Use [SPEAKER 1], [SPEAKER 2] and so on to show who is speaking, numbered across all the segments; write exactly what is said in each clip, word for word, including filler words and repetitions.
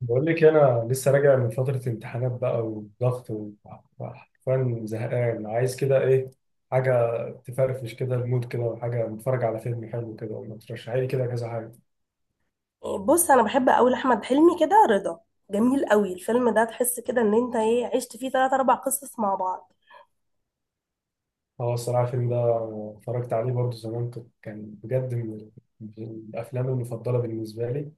[SPEAKER 1] بقول لك انا لسه راجع من فتره امتحانات بقى وضغط و- وحرفيا زهقان، عايز كده ايه حاجه تفرفش كده المود كده، وحاجه نتفرج على فيلم حلو كده، ولا ترشحي لي كده كذا حاجه.
[SPEAKER 2] بص، انا بحب قوي احمد حلمي كده. رضا جميل قوي الفيلم ده. تحس كده ان انت ايه عشت فيه ثلاث اربع قصص مع بعض.
[SPEAKER 1] هو الصراحه الفيلم ده اتفرجت عليه برضه زمان، كنت كان بجد من ال- من الافلام المفضله بالنسبه لي،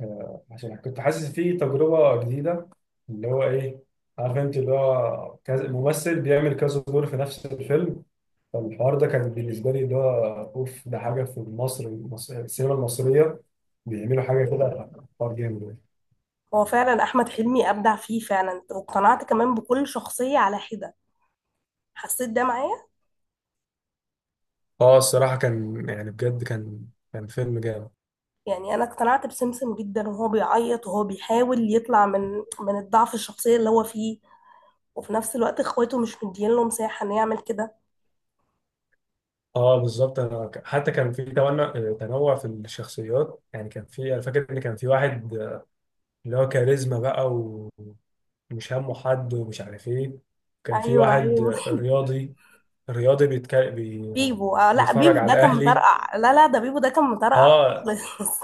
[SPEAKER 1] آه، عشان كنت حاسس فيه تجربه جديده، اللي هو ايه، عارف انت، اللي هو كذا ممثل بيعمل كذا دور في نفس الفيلم. فالحوار ده كان بالنسبة لي اللي هو أوف، ده حاجة في مصر المص- السينما المصرية بيعملوا حاجة كده، حوار جامد يعني.
[SPEAKER 2] هو فعلا احمد حلمي ابدع فيه فعلا، واقتنعت كمان بكل شخصية على حدة. حسيت ده معايا.
[SPEAKER 1] اه، الصراحة كان يعني بجد كان كان فيلم جامد.
[SPEAKER 2] يعني انا اقتنعت بسمسم جدا وهو بيعيط وهو بيحاول يطلع من من الضعف الشخصيه اللي هو فيه، وفي نفس الوقت اخواته مش مدين له مساحه انه يعمل كده.
[SPEAKER 1] اه بالظبط، انا ك- حتى كان في تنوع تنوع في الشخصيات، يعني كان في، انا فاكر ان كان في واحد آه، اللي هو كاريزما بقى و- ومش همه حد، ومش عارف ايه. كان في
[SPEAKER 2] ايوه،
[SPEAKER 1] واحد
[SPEAKER 2] ايوه.
[SPEAKER 1] آه، رياضي، رياضي بيتك... بي...
[SPEAKER 2] بيبو، آه لا،
[SPEAKER 1] بيتفرج
[SPEAKER 2] بيبو
[SPEAKER 1] على
[SPEAKER 2] ده كان
[SPEAKER 1] الاهلي.
[SPEAKER 2] مطرقع. لا لا ده بيبو ده كان مطرقع
[SPEAKER 1] اه،
[SPEAKER 2] خالص.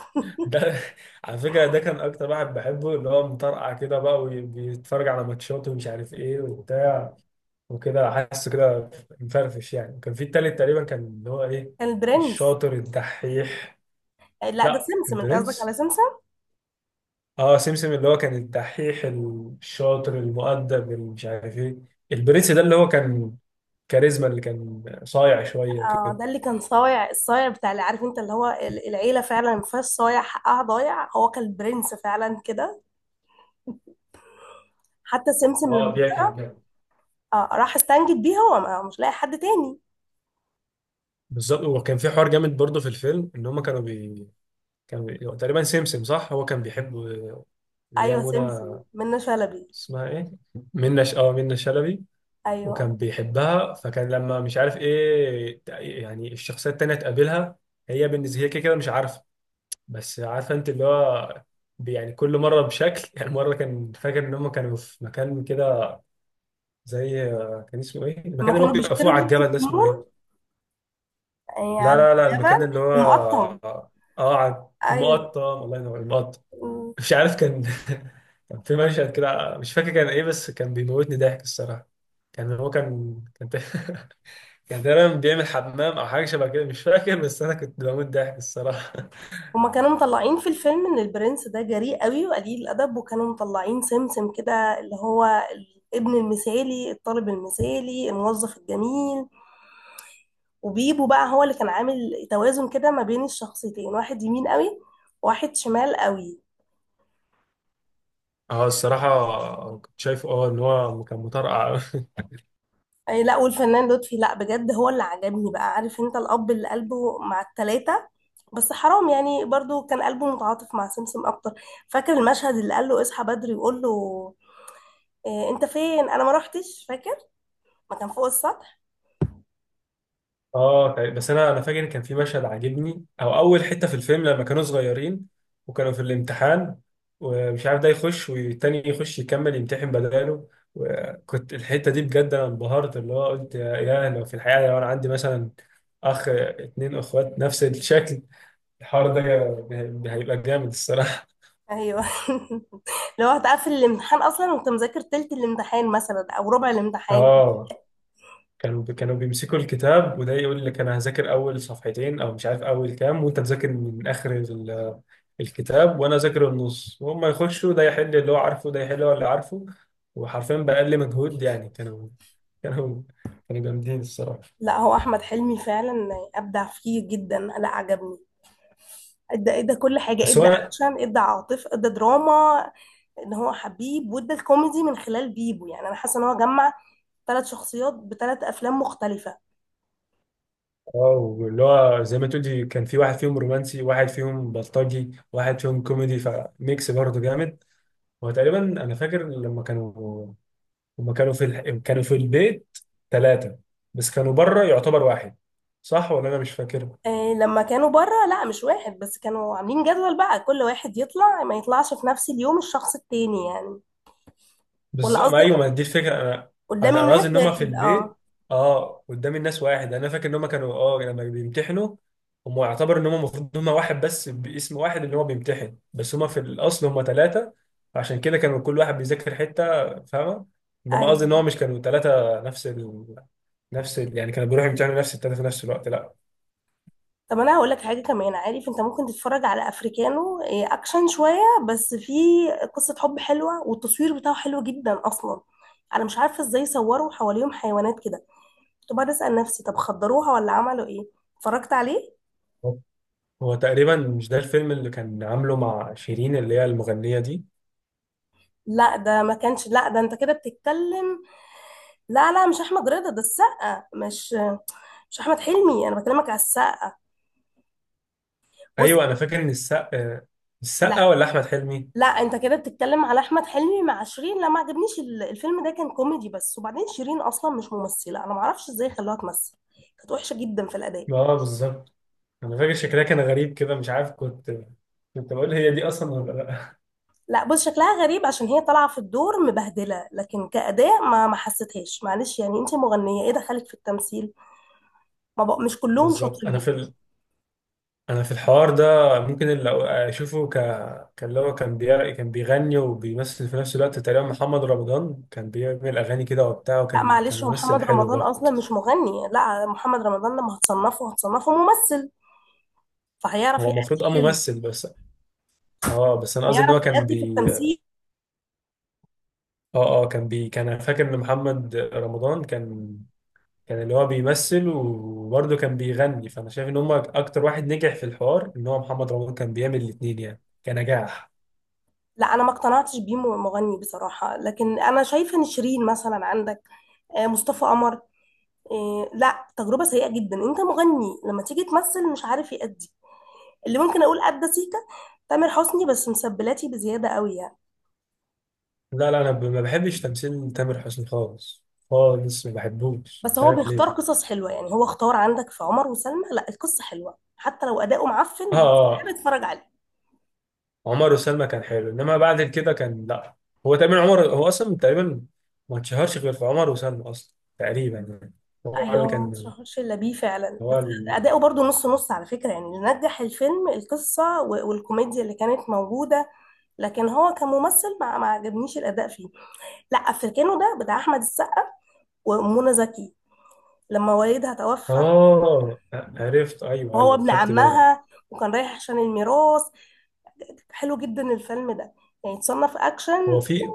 [SPEAKER 1] ده على فكرة ده كان أكتر واحد بحبه، اللي هو مطرقع كده بقى، وبيتفرج على ماتشات، ومش عارف إيه وبتاع، وكده حاسه كده مفرفش يعني. كان في التالت تقريبا، كان اللي هو إيه،
[SPEAKER 2] كان البرنس.
[SPEAKER 1] الشاطر الدحيح.
[SPEAKER 2] لا، ده
[SPEAKER 1] لا،
[SPEAKER 2] سمسم، انت قصدك على
[SPEAKER 1] البرنس.
[SPEAKER 2] سمسم.
[SPEAKER 1] اه، سمسم اللي هو كان الدحيح الشاطر المؤدب اللي مش عارف إيه. البرنس ده اللي هو كان كاريزما، اللي كان صايع شوية
[SPEAKER 2] اه،
[SPEAKER 1] وكده.
[SPEAKER 2] ده اللي كان صايع، الصايع بتاع، اللي عارف انت اللي هو ال- العيله فعلا ما فيهاش صايع حقها ضايع، هو كان البرنس فعلا كده. حتى سمسم لما
[SPEAKER 1] اه، ده كان جامد.
[SPEAKER 2] اه راح استنجد بيه، هو ما- مش لاقي حد تاني.
[SPEAKER 1] بالظبط. وكان في حوار جامد برضه في الفيلم، ان هم كانوا بي... كان بي- هو تقريبا سمسم، صح؟ هو كان بيحب اللي هي
[SPEAKER 2] ايوه، سمسم
[SPEAKER 1] منى.
[SPEAKER 2] منة شلبي.
[SPEAKER 1] اسمها ايه، منى ش... اه، منى شلبي.
[SPEAKER 2] ايوه.
[SPEAKER 1] وكان بيحبها، فكان لما مش عارف ايه ت- يعني الشخصيه التانيه تقابلها، هي بالنسبه هي كده كده مش عارفه، بس عارفه انت اللي هو بي- يعني كل مره بشكل يعني. مره كان فاكر ان هم كانوا في مكان كده زي، كان اسمه ايه
[SPEAKER 2] لما
[SPEAKER 1] المكان اللي هو
[SPEAKER 2] كانوا
[SPEAKER 1] بيبقى
[SPEAKER 2] بيشتروا
[SPEAKER 1] فوق على
[SPEAKER 2] لبس
[SPEAKER 1] الجبل
[SPEAKER 2] في
[SPEAKER 1] ده، اسمه
[SPEAKER 2] المول،
[SPEAKER 1] ايه؟
[SPEAKER 2] يعني
[SPEAKER 1] لا
[SPEAKER 2] على
[SPEAKER 1] لا لا، المكان
[SPEAKER 2] الجبل.
[SPEAKER 1] اللي هو،
[SPEAKER 2] المقطم.
[SPEAKER 1] اه، على
[SPEAKER 2] ايوه.
[SPEAKER 1] المقطم. الله ينور، المقطم. مش عارف كان كان في مشهد كده، مش فاكر كان ايه، بس كان بيموتني ضحك الصراحه. كان هو كان كان ت- كان تقريبا بيعمل حمام او حاجه شبه كده، مش فاكر، بس انا كنت بموت ضحك الصراحه.
[SPEAKER 2] هما كانوا مطلعين في الفيلم ان البرنس ده جريء قوي وقليل الادب، وكانوا مطلعين سمسم كده اللي هو الابن المثالي، الطالب المثالي، الموظف الجميل. وبيبو بقى هو اللي كان عامل توازن كده ما بين الشخصيتين، واحد يمين قوي وواحد شمال قوي.
[SPEAKER 1] اه الصراحه كنت شايف اه ان هو كان مطرقع.
[SPEAKER 2] أي لا، والفنان لطفي، لا بجد هو اللي عجبني بقى، عارف انت، الاب اللي قلبه مع التلاتة. بس حرام، يعني برضو كان قلبه متعاطف مع سمسم اكتر. فاكر المشهد اللي قال له اصحى بدري وقول له إيه انت فين، انا ما روحتش، فاكر؟ ما كان فوق السطح.
[SPEAKER 1] اه تقريبا. بس انا انا فاكر كان في مشهد عاجبني، او اول حته في الفيلم لما كانوا صغيرين، وكانوا في الامتحان، ومش عارف ده يخش والتاني يخش يكمل يمتحن بداله. وكنت الحته دي بجد انا انبهرت، اللي هو قلت يا يا لو في الحقيقه لو انا عندي مثلا اخ، اتنين اخوات نفس الشكل، الحوار ده هيبقى جامد الصراحه.
[SPEAKER 2] ايوه. لو هتقفل الامتحان اصلا وانت مذاكر تلت الامتحان مثلا او ربع الامتحان.
[SPEAKER 1] اه. كانوا كانوا بيمسكوا الكتاب، وده يقول لك انا هذاكر اول صفحتين، او مش عارف اول كام، وانت تذاكر من اخر ال- الكتاب، وانا اذاكر النص، وهم يخشوا، ده يحل اللي هو عارفه، ده يحل اللي هو اللي عارفه. وحرفيا باقل مجهود يعني. كانوا كانوا كانوا جامدين الصراحه.
[SPEAKER 2] لا، هو احمد حلمي فعلا ابدع فيه جدا، لا عجبني. ادى، ادى كل حاجه،
[SPEAKER 1] بس
[SPEAKER 2] ادى
[SPEAKER 1] هو
[SPEAKER 2] اكشن، ادى عاطف، ادى دراما، ان هو حبيب، وادى الكوميدي من خلال بيبو. يعني انا حاسه ان هو جمع ثلاث شخصيات بثلاث افلام مختلفه.
[SPEAKER 1] اه اللي هو زي ما تقولي، كان في واحد فيهم رومانسي، واحد فيهم بلطجي، واحد فيهم كوميدي، فميكس برضه جامد. هو تقريبا انا فاكر لما كانوا، هما كانوا في الح... كانوا في البيت ثلاثة، بس كانوا بره يعتبر واحد، صح ولا أنا مش فاكر؟
[SPEAKER 2] إيه لما كانوا بره، لا مش واحد، بس كانوا عاملين جدول بقى كل واحد يطلع ما يطلعش في نفس اليوم الشخص التاني يعني.
[SPEAKER 1] بس
[SPEAKER 2] ولا
[SPEAKER 1] ما، أيوه،
[SPEAKER 2] قصدك
[SPEAKER 1] ما دي الفكرة. أنا
[SPEAKER 2] قدام
[SPEAKER 1] أنا أنا قصدي
[SPEAKER 2] الناس
[SPEAKER 1] إن هما في
[SPEAKER 2] واحد؟ اه،
[SPEAKER 1] البيت، أه، قدام الناس واحد. أنا فاكر إن هما كانوا، أه لما بيمتحنوا هما يعتبر إن هما المفروض هما واحد، بس باسم واحد اللي هو بيمتحن، بس هما في الأصل هما ثلاثة، عشان كده كانوا كل واحد بيذاكر حتة، فاهمة؟ إنما قصدي إن هو
[SPEAKER 2] ايوه.
[SPEAKER 1] مش كانوا ثلاثة نفس ال... نفس ال... يعني كانوا بيروحوا يمتحنوا نفس الثلاثة في نفس الوقت، لا.
[SPEAKER 2] طب انا هقول لك حاجه كمان، عارف انت، ممكن تتفرج على افريكانو. إيه، اكشن شويه، بس في قصه حب حلوه، والتصوير بتاعه حلو جدا اصلا. انا مش عارفه ازاي صوروا حواليهم حيوانات كده، كنت بقعد اسال نفسي طب خدروها ولا عملوا ايه؟ اتفرجت عليه.
[SPEAKER 1] هو تقريبا مش ده الفيلم اللي كان عامله مع شيرين، اللي هي المغنية دي؟
[SPEAKER 2] لا ده ما كانش، لا ده انت كده بتتكلم، لا لا، مش احمد رضا، ده السقا، مش مش احمد حلمي، انا بكلمك على السقا. بص،
[SPEAKER 1] ايوه، انا فاكر ان السقا، السقا
[SPEAKER 2] لا
[SPEAKER 1] ولا احمد حلمي؟
[SPEAKER 2] لا، انت كده بتتكلم على احمد حلمي مع شيرين، لا ما عجبنيش ال- الفيلم ده، كان كوميدي بس. وبعدين شيرين اصلا مش ممثله، انا ما اعرفش ازاي خلوها تمثل، كانت وحشه جدا في الاداء.
[SPEAKER 1] اه بالظبط. انا فاكر شكلها كان غريب كده، مش عارف، كنت كنت بقول هي دي اصلا ولا لا.
[SPEAKER 2] لا بص، شكلها غريب عشان هي طالعه في الدور مبهدله، لكن كاداء ما ما حسيتهاش. معلش يعني انت مغنيه، ايه دخلك في التمثيل؟ ما بق... مش كلهم
[SPEAKER 1] بالظبط. انا
[SPEAKER 2] شاطرين.
[SPEAKER 1] في ال... انا في الحوار ده، ممكن اللي أو- اشوفه ك، كان اللي هو كان بي... كان بيغني وبيمثل في نفس الوقت تقريبا. محمد رمضان كان بيعمل اغاني كده وبتاع،
[SPEAKER 2] لا
[SPEAKER 1] وكان كان
[SPEAKER 2] معلش، هو
[SPEAKER 1] ممثل
[SPEAKER 2] محمد
[SPEAKER 1] حلو
[SPEAKER 2] رمضان
[SPEAKER 1] برضه.
[SPEAKER 2] اصلا مش مغني، لا محمد رمضان لما هتصنفه هتصنفه ممثل، فهيعرف
[SPEAKER 1] هو
[SPEAKER 2] يأدي
[SPEAKER 1] المفروض اه
[SPEAKER 2] حلو.
[SPEAKER 1] ممثل بس. اه بس انا قصدي ان
[SPEAKER 2] هيعرف
[SPEAKER 1] هو كان
[SPEAKER 2] يأدي في
[SPEAKER 1] بي،
[SPEAKER 2] التمثيل.
[SPEAKER 1] اه، اه، كان بي كان، أنا فاكر ان محمد رمضان كان كان اللي هو بيمثل، وبرضه كان بيغني. فانا شايف ان هم اكتر واحد نجح في الحوار، ان هو محمد رمضان كان بيعمل الاثنين يعني كنجاح.
[SPEAKER 2] لا انا ما اقتنعتش بيه م- مغني بصراحه، لكن انا شايفه ان شيرين مثلا عندك، آه، مصطفى قمر، آه، لا تجربه سيئه جدا. انت مغني لما تيجي تمثل مش عارف يأدي. اللي ممكن اقول ادى سيكا تامر حسني، بس مسبلاتي بزياده قوي يعني.
[SPEAKER 1] لا لا، انا ب- ما بحبش تمثيل تامر حسني خالص، خالص، ما بحبوش
[SPEAKER 2] بس
[SPEAKER 1] مش
[SPEAKER 2] هو
[SPEAKER 1] عارف
[SPEAKER 2] بيختار
[SPEAKER 1] ليه.
[SPEAKER 2] قصص حلوه، يعني هو اختار عندك في عمر وسلمى، لا القصه حلوه حتى لو اداؤه
[SPEAKER 1] اه
[SPEAKER 2] معفن، بس
[SPEAKER 1] اه،
[SPEAKER 2] بحب
[SPEAKER 1] آه،
[SPEAKER 2] اتفرج عليه.
[SPEAKER 1] عمر وسلمى كان حلو، انما بعد كده كان لا. هو تقريبا عمر هو اصلا تقريبا ما اتشهرش غير في عمر وسلمى اصلا تقريبا يعني، هو اللي
[SPEAKER 2] ايوه، ما
[SPEAKER 1] كان.
[SPEAKER 2] تشهرش الا بيه فعلا.
[SPEAKER 1] هو
[SPEAKER 2] بس اداؤه برضو نص نص على فكره، يعني اللي نجح الفيلم القصه و- والكوميديا اللي كانت موجوده، لكن هو كممثل ما ما عجبنيش الاداء فيه. لا، افريكانو ده بتاع احمد السقا ومنى زكي، لما والدها توفى،
[SPEAKER 1] آه، عرفت، أيوه
[SPEAKER 2] وهو
[SPEAKER 1] أيوه،
[SPEAKER 2] ابن
[SPEAKER 1] خدت بالي.
[SPEAKER 2] عمها، وكان رايح عشان الميراث. حلو جدا الفيلم ده، يعني تصنف
[SPEAKER 1] هو
[SPEAKER 2] اكشن.
[SPEAKER 1] في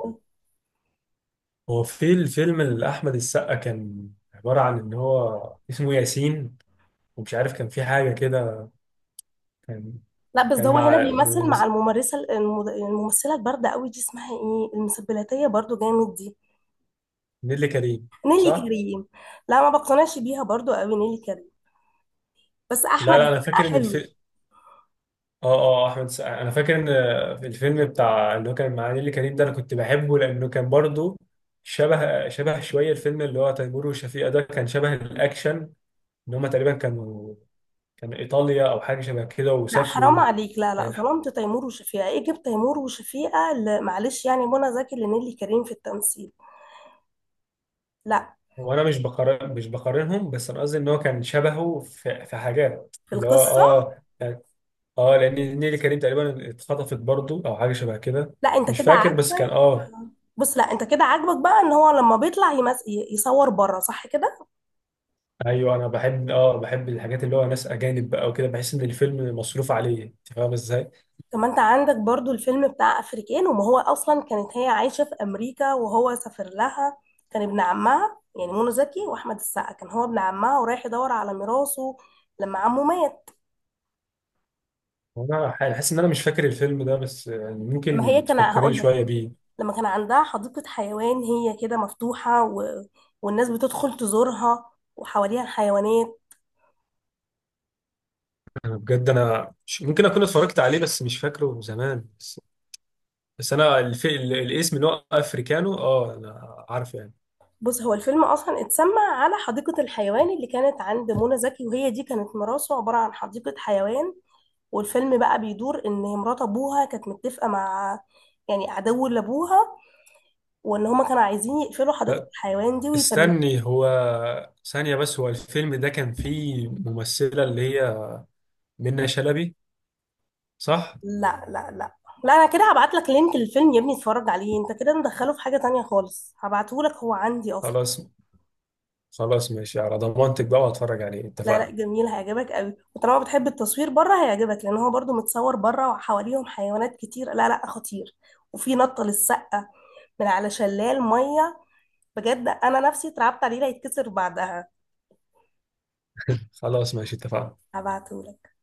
[SPEAKER 1] هو في الفيلم اللي أحمد السقا كان عبارة عن إن هو اسمه ياسين، ومش عارف كان في حاجة كده، كان
[SPEAKER 2] لا بس ده
[SPEAKER 1] كان
[SPEAKER 2] هو هنا
[SPEAKER 1] مع
[SPEAKER 2] بيمثل مع
[SPEAKER 1] بس-
[SPEAKER 2] الممارسه المد- الممثله البارده قوي دي، اسمها ايه، المسبلاتيه برضو جامد دي.
[SPEAKER 1] نيللي كريم،
[SPEAKER 2] نيلي
[SPEAKER 1] صح؟
[SPEAKER 2] كريم. لا ما بقتنعش بيها برضو قوي نيلي كريم، بس
[SPEAKER 1] لا
[SPEAKER 2] احمد
[SPEAKER 1] لا، أنا
[SPEAKER 2] السقا
[SPEAKER 1] فاكر إن الفيلم،
[SPEAKER 2] حلو.
[SPEAKER 1] آه آه أحمد السقا، أنا فاكر إن في الفيلم بتاع اللي هو كان مع نيللي كريم ده، أنا كنت بحبه لأنه كان برضه شبه، شبه شوية الفيلم اللي هو تيمور وشفيقة ده، كان شبه الأكشن، إن هما تقريبا كانوا، كان ايطاليا او حاجه شبه كده،
[SPEAKER 2] لا حرام
[SPEAKER 1] وسافروا
[SPEAKER 2] عليك، لا لا
[SPEAKER 1] يعني.
[SPEAKER 2] ظلمت تيمور وشفيقة، ايه جبت تيمور وشفيقة ل- معلش يعني منى زكي لنيلي كريم في التمثيل. لا.
[SPEAKER 1] هو انا مش بقارن، مش بقارنهم، بس انا قصدي ان هو كان شبهه في, في حاجات،
[SPEAKER 2] في
[SPEAKER 1] اللي هو
[SPEAKER 2] القصة.
[SPEAKER 1] اه يعني اه لان نيلي كريم تقريبا اتخطفت برضو او حاجه شبه كده،
[SPEAKER 2] لا، انت
[SPEAKER 1] مش
[SPEAKER 2] كده
[SPEAKER 1] فاكر، بس كان
[SPEAKER 2] عاجبك.
[SPEAKER 1] اه.
[SPEAKER 2] بص، لا انت كده عاجبك بقى ان هو لما بيطلع يمس... ي- يصور بره، صح كده؟
[SPEAKER 1] ايوه، انا بحب اه بحب الحاجات اللي هو ناس اجانب بقى وكده، بحس ان الفيلم مصروف عليه، انت فاهم ازاي؟
[SPEAKER 2] طب ما انت عندك برضو الفيلم بتاع افريكان، وما هو اصلا كانت هي عايشة في امريكا وهو سافر لها، كان ابن عمها، يعني منى زكي واحمد السقا كان هو ابن عمها ورايح يدور على ميراثه لما عمه مات.
[SPEAKER 1] وانا حاسس ان انا مش فاكر الفيلم ده، بس يعني
[SPEAKER 2] ما هي
[SPEAKER 1] ممكن
[SPEAKER 2] كان
[SPEAKER 1] تفكريني
[SPEAKER 2] هقول لك،
[SPEAKER 1] شويه بيه.
[SPEAKER 2] لما كان عندها حديقة حيوان، هي كده مفتوحة، و... والناس بتدخل تزورها وحواليها الحيوانات.
[SPEAKER 1] انا بجد انا مش- ممكن اكون اتفرجت عليه، بس مش فاكره زمان، بس انا الف... ال- الاسم اللي هو افريكانو، اه، انا عارف يعني.
[SPEAKER 2] بص، هو الفيلم أصلا اتسمى على حديقة الحيوان اللي كانت عند منى زكي، وهي دي كانت مراسه عبارة عن حديقة حيوان. والفيلم بقى بيدور إن مرات أبوها كانت متفقة مع، يعني عدو لأبوها، وإن هما كانوا عايزين يقفلوا حديقة
[SPEAKER 1] ه-
[SPEAKER 2] الحيوان دي ويفلتوا.
[SPEAKER 1] استني، هو ثانية بس، هو الفيلم ده كان فيه ممثلة اللي هي منة شلبي، صح؟
[SPEAKER 2] لا لا لا لا انا كده هبعت لك لينك للفيلم يا ابني اتفرج عليه، انت كده مدخله في حاجة تانية خالص، هبعته لك هو عندي اصلا.
[SPEAKER 1] خلاص، خلاص ماشي على ضمانتك بقى واتفرج عليه،
[SPEAKER 2] لا لا،
[SPEAKER 1] اتفقنا.
[SPEAKER 2] جميل، هيعجبك قوي، وطالما بتحب التصوير بره هيعجبك، لان هو برضو متصور بره وحواليهم حيوانات كتير. لا لا، خطير، وفي نطة للسقة من على شلال مية، بجد انا نفسي اترعبت عليه لا يتكسر بعدها.
[SPEAKER 1] خلاص، ماشي، اتفقنا.
[SPEAKER 2] هبعتهولك.